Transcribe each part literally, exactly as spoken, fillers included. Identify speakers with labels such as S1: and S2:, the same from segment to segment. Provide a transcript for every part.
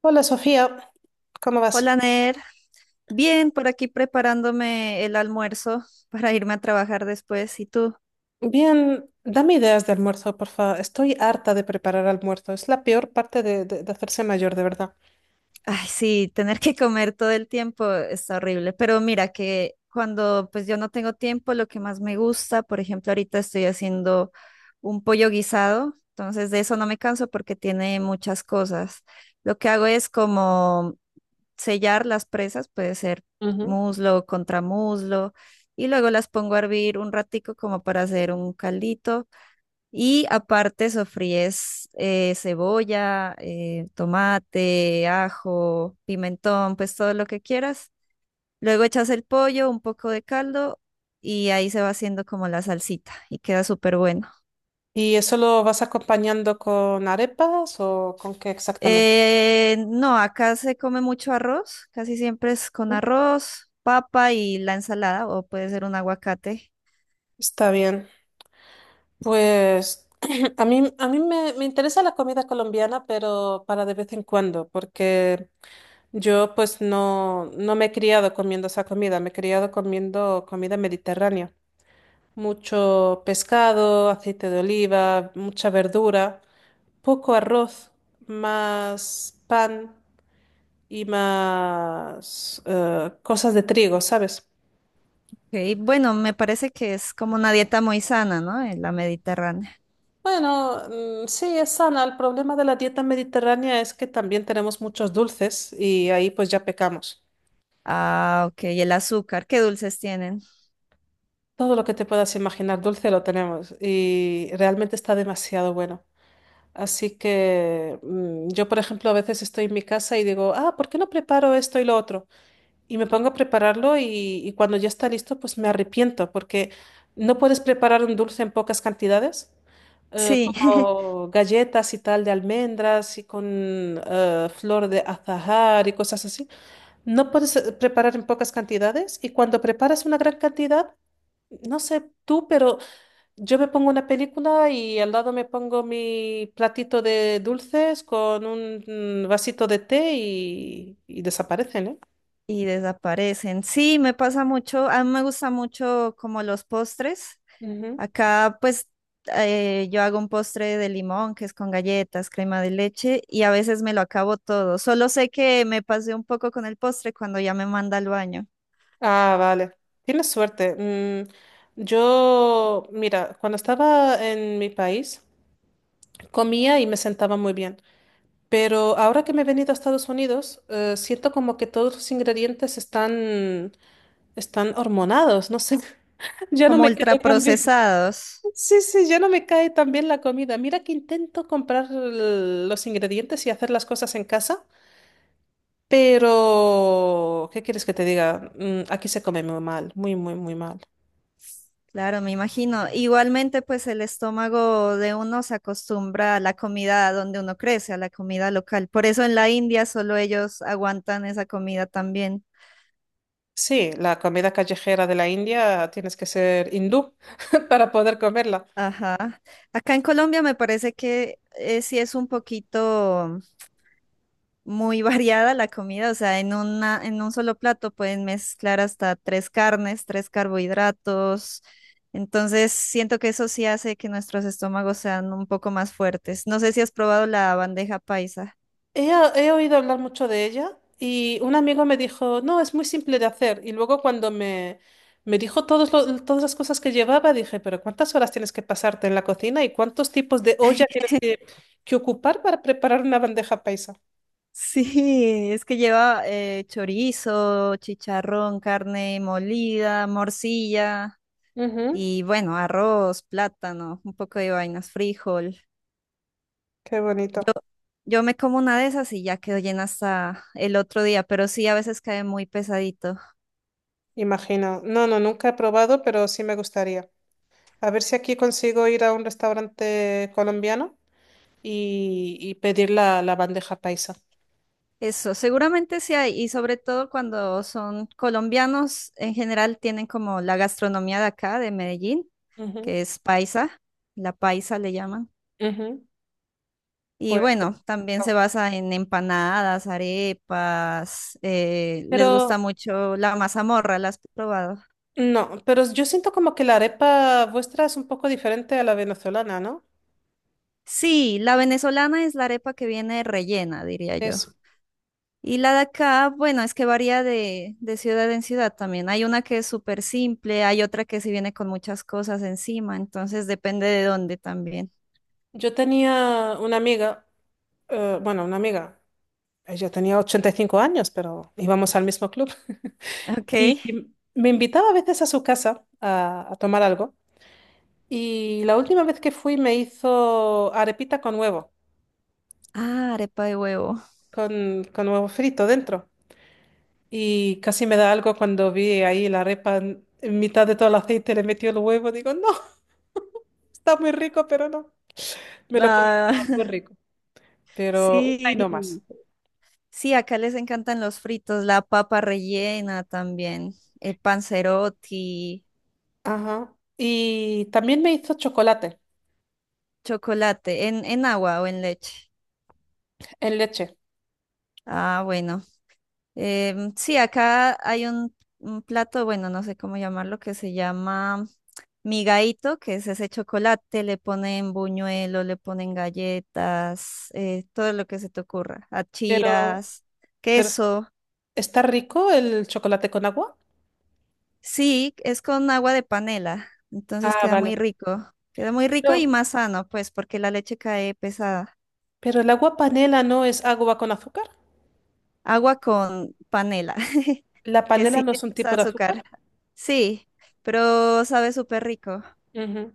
S1: Hola Sofía, ¿cómo vas?
S2: Hola, Ner. Bien, por aquí preparándome el almuerzo para irme a trabajar después. ¿Y tú?
S1: Bien, dame ideas de almuerzo, porfa. Estoy harta de preparar almuerzo. Es la peor parte de, de- de hacerse mayor, de verdad.
S2: Ay, sí, tener que comer todo el tiempo está horrible. Pero mira que cuando pues yo no tengo tiempo, lo que más me gusta, por ejemplo, ahorita estoy haciendo un pollo guisado, entonces de eso no me canso porque tiene muchas cosas. Lo que hago es como sellar las presas, puede ser
S1: Ujú.
S2: muslo, contramuslo, y luego las pongo a hervir un ratico como para hacer un caldito. Y aparte sofríes eh, cebolla, eh, tomate, ajo, pimentón, pues todo lo que quieras. Luego echas el pollo, un poco de caldo y ahí se va haciendo como la salsita y queda súper bueno.
S1: ¿Y eso lo vas acompañando con arepas o con qué exactamente?
S2: Eh, no, acá se come mucho arroz, casi siempre es con arroz, papa y la ensalada o puede ser un aguacate.
S1: Está bien. Pues a mí, a mí me, me interesa la comida colombiana, pero para de vez en cuando, porque yo pues no, no me he criado comiendo esa comida, me he criado comiendo comida mediterránea. Mucho pescado, aceite de oliva, mucha verdura, poco arroz, más pan y más eh, cosas de trigo, ¿sabes?
S2: Ok, bueno, me parece que es como una dieta muy sana, ¿no? En la mediterránea.
S1: Bueno, mm, sí, es sana. El problema de la dieta mediterránea es que también tenemos muchos dulces y ahí pues ya pecamos.
S2: Ah, ok, y el azúcar, qué dulces tienen.
S1: Todo lo que te puedas imaginar dulce lo tenemos y realmente está demasiado bueno. Así que mm, yo, por ejemplo, a veces estoy en mi casa y digo, ah, ¿por qué no preparo esto y lo otro? Y me pongo a prepararlo y, y cuando ya está listo, pues me arrepiento porque no puedes preparar un dulce en pocas cantidades, eh,
S2: Sí,
S1: como galletas y tal de almendras y con eh, flor de azahar y cosas así. No puedes eh, preparar en pocas cantidades y cuando preparas una gran cantidad, no sé tú, pero yo me pongo una película y al lado me pongo mi platito de dulces con un mm, vasito de té y, y desaparecen, ¿eh?
S2: y desaparecen. Sí, me pasa mucho, a mí me gusta mucho como los postres.
S1: Ujú.
S2: Acá pues eh, yo hago un postre de limón que es con galletas, crema de leche y a veces me lo acabo todo. Solo sé que me pasé un poco con el postre cuando ya me manda al baño,
S1: Ah, vale. Tienes suerte. Mm, yo, mira, cuando estaba en mi país, comía y me sentaba muy bien. Pero ahora que me he venido a Estados Unidos, eh, siento como que todos los ingredientes están, están hormonados. No sé, ya no
S2: como
S1: me cae tan bien.
S2: ultraprocesados.
S1: Sí, sí, ya no me cae tan bien la comida. Mira que intento comprar l- los ingredientes y hacer las cosas en casa, pero ¿qué quieres que te diga? Mm, aquí se come muy mal, muy, muy, muy mal.
S2: Claro, me imagino. Igualmente, pues el estómago de uno se acostumbra a la comida donde uno crece, a la comida local. Por eso en la India solo ellos aguantan esa comida también.
S1: Sí, la comida callejera de la India tienes que ser hindú para poder comerla.
S2: Ajá. Acá en Colombia me parece que eh, sí es un poquito muy variada la comida, o sea, en una, en un solo plato pueden mezclar hasta tres carnes, tres carbohidratos. Entonces, siento que eso sí hace que nuestros estómagos sean un poco más fuertes. No sé si has probado la bandeja paisa.
S1: He, he oído hablar mucho de ella y un amigo me dijo, no, es muy simple de hacer. Y luego cuando me, me dijo todos lo- todas las cosas que llevaba, dije, pero ¿cuántas horas tienes que pasarte en la cocina y cuántos tipos de olla tienes que, que ocupar para preparar una bandeja paisa?
S2: Sí, es que lleva eh, chorizo, chicharrón, carne molida, morcilla
S1: Ujú.
S2: y bueno, arroz, plátano, un poco de vainas, frijol.
S1: Qué bonito,
S2: Yo me como una de esas y ya quedo llena hasta el otro día, pero sí, a veces cae muy pesadito.
S1: imagino. No, no, nunca he probado, pero sí me gustaría. A ver si aquí consigo ir a un restaurante colombiano y, y pedir la, la bandeja paisa.
S2: Eso, seguramente sí hay, y sobre todo cuando son colombianos, en general tienen como la gastronomía de acá, de Medellín,
S1: Ujú,
S2: que es paisa, la paisa le llaman.
S1: ujú.
S2: Y
S1: Pues,
S2: bueno, también se
S1: no.
S2: basa en empanadas, arepas. Eh, les gusta
S1: Pero
S2: mucho la mazamorra, ¿la has probado?
S1: No, pero yo siento como que la arepa vuestra es un poco diferente a la venezolana, ¿no?
S2: Sí, la venezolana es la arepa que viene rellena, diría yo.
S1: Eso.
S2: Y la de acá, bueno, es que varía de, de ciudad en ciudad también. Hay una que es súper simple, hay otra que sí viene con muchas cosas encima, entonces depende de dónde también.
S1: Yo tenía una amiga, eh, bueno, una amiga, ella tenía ochenta y cinco años, pero íbamos al mismo club. Y
S2: Ok.
S1: me invitaba a veces a su casa a, a tomar algo. Y la última vez que fui me hizo arepita con huevo,
S2: Ah, arepa de huevo.
S1: con, con huevo frito dentro. Y casi me da algo cuando vi ahí la arepa en en mitad de todo el aceite, le metió el huevo. Digo, no, está muy rico, pero no. Me lo comí,
S2: Ah,
S1: estaba muy rico. Pero una
S2: sí.
S1: y no más.
S2: Sí, acá les encantan los fritos, la papa rellena también, eh, panzerotti,
S1: Ajá. Y también me hizo chocolate
S2: chocolate, en, en agua o en leche.
S1: en leche.
S2: Ah, bueno. Em, sí, acá hay un, un plato, bueno, no sé cómo llamarlo, que se llama migaíto, que es ese chocolate, le ponen buñuelo, le ponen galletas, eh, todo lo que se te ocurra,
S1: Pero,
S2: achiras,
S1: pero
S2: queso.
S1: ¿está rico el chocolate con agua?
S2: Sí, es con agua de panela, entonces
S1: Ah,
S2: queda muy
S1: vale.
S2: rico. Queda muy rico y
S1: No,
S2: más sano, pues, porque la leche cae pesada.
S1: pero el agua panela no es agua con azúcar.
S2: Agua con panela,
S1: La
S2: que
S1: panela
S2: sí,
S1: no es un
S2: es
S1: tipo de
S2: azúcar.
S1: azúcar.
S2: Sí, pero sabe súper rico.
S1: Ujú.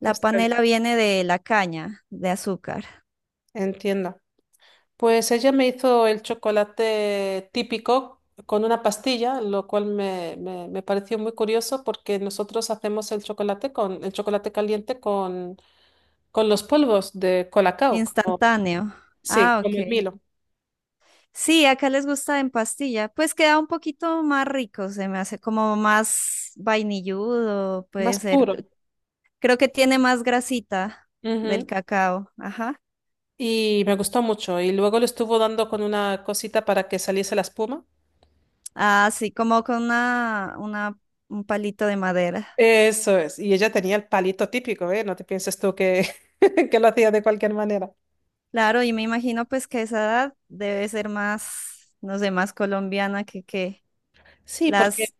S2: La
S1: Está bien.
S2: panela viene de la caña de azúcar,
S1: Entiendo. Pues ella me hizo el chocolate típico con una pastilla, lo cual me, me- me pareció muy curioso porque nosotros hacemos el chocolate con el chocolate caliente con, con los polvos de Colacao, como,
S2: instantáneo.
S1: sí,
S2: Ah,
S1: como
S2: ok.
S1: el Milo,
S2: Sí, acá les gusta en pastilla. Pues queda un poquito más rico, se me hace como más vainilludo, puede
S1: más
S2: ser.
S1: puro.
S2: Creo que tiene más grasita del
S1: Ujú.
S2: cacao. Ajá.
S1: Y me gustó mucho. Y luego le estuvo dando con una cosita para que saliese la espuma.
S2: Así como con una, una, un palito de madera.
S1: Eso es. Y ella tenía el palito típico, ¿eh? No te pienses tú que, que lo hacía de cualquier manera.
S2: Claro, y me imagino pues que esa edad debe ser más, no sé, más colombiana que que
S1: Sí,
S2: las,
S1: porque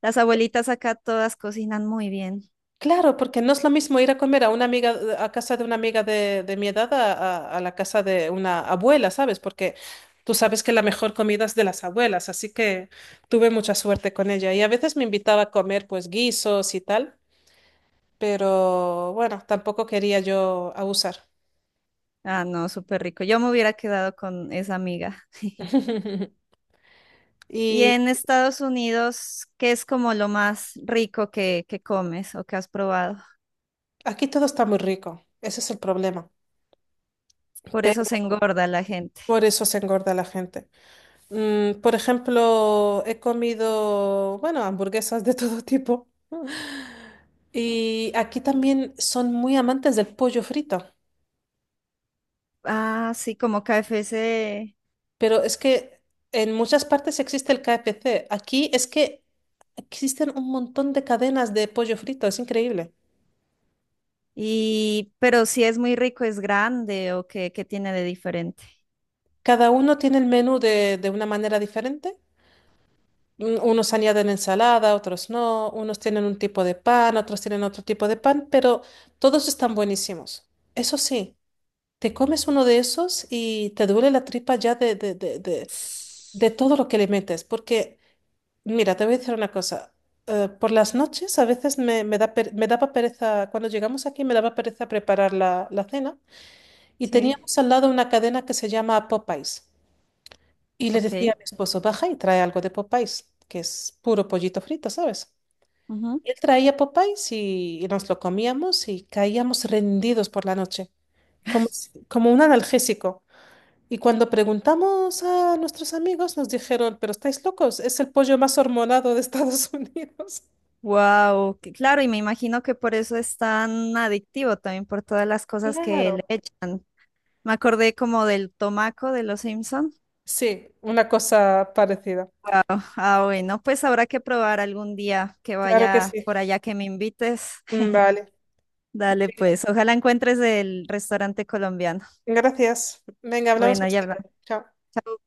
S2: las abuelitas acá todas cocinan muy bien.
S1: claro, porque no es lo mismo ir a comer a una amiga, eh, a casa de una amiga de, de mi edad a, a- a la casa de una abuela, ¿sabes? Porque tú sabes que la mejor comida es de las abuelas, así que tuve mucha suerte con ella. Y a veces me invitaba a comer pues guisos y tal, pero bueno, tampoco quería yo abusar.
S2: Ah, no, súper rico. Yo me hubiera quedado con esa amiga. Y
S1: Y
S2: en Estados Unidos, ¿qué es como lo más rico que, que comes o que has probado?
S1: aquí todo está muy rico, ese es el problema.
S2: Por eso se
S1: Pero
S2: engorda la gente.
S1: por eso se engorda la gente. Mm, por ejemplo, he comido, bueno, hamburguesas de todo tipo. Y aquí también son muy amantes del pollo frito,
S2: Ah, sí, como KFC.
S1: pero es que en muchas partes existe el K F C. Aquí es que existen un montón de cadenas de pollo frito, es increíble.
S2: Y, pero si es muy rico, es grande o qué, qué tiene de diferente.
S1: Cada uno tiene el menú de, de una manera diferente. Un- Unos añaden ensalada, otros no, unos tienen un tipo de pan, otros tienen otro tipo de pan, pero todos están buenísimos. Eso sí, te comes uno de esos y te duele la tripa ya de, de, de, de de todo lo que le metes, porque... Mira, te voy a decir una cosa. Eh, por las noches a veces me, me da per- me daba pereza, cuando llegamos aquí me daba pereza preparar la, la cena y
S2: Sí.
S1: teníamos al lado una cadena que se llama Popeyes. Y le
S2: Ok.
S1: decía a mi esposo, baja y trae algo de Popeyes, que es puro pollito frito, ¿sabes? Y él traía Popeyes y, y nos lo comíamos y caíamos rendidos por la noche, como, si- como un analgésico. Y cuando preguntamos a nuestros amigos nos dijeron, pero estáis locos, es el pollo más hormonado de Estados Unidos.
S2: Wow, claro, y me imagino que por eso es tan adictivo también por todas las cosas que
S1: Claro,
S2: le echan. Me acordé como del tomaco de los Simpson.
S1: sí, una cosa parecida.
S2: Wow, ah, bueno, pues habrá que probar algún día que
S1: Claro que
S2: vaya por
S1: sí.
S2: allá que me invites.
S1: Vale.
S2: Dale, pues, ojalá encuentres el restaurante colombiano.
S1: Venga, gracias. Venga, hablamos
S2: Bueno,
S1: más
S2: ya hablamos.
S1: tarde. Chao.
S2: Chao.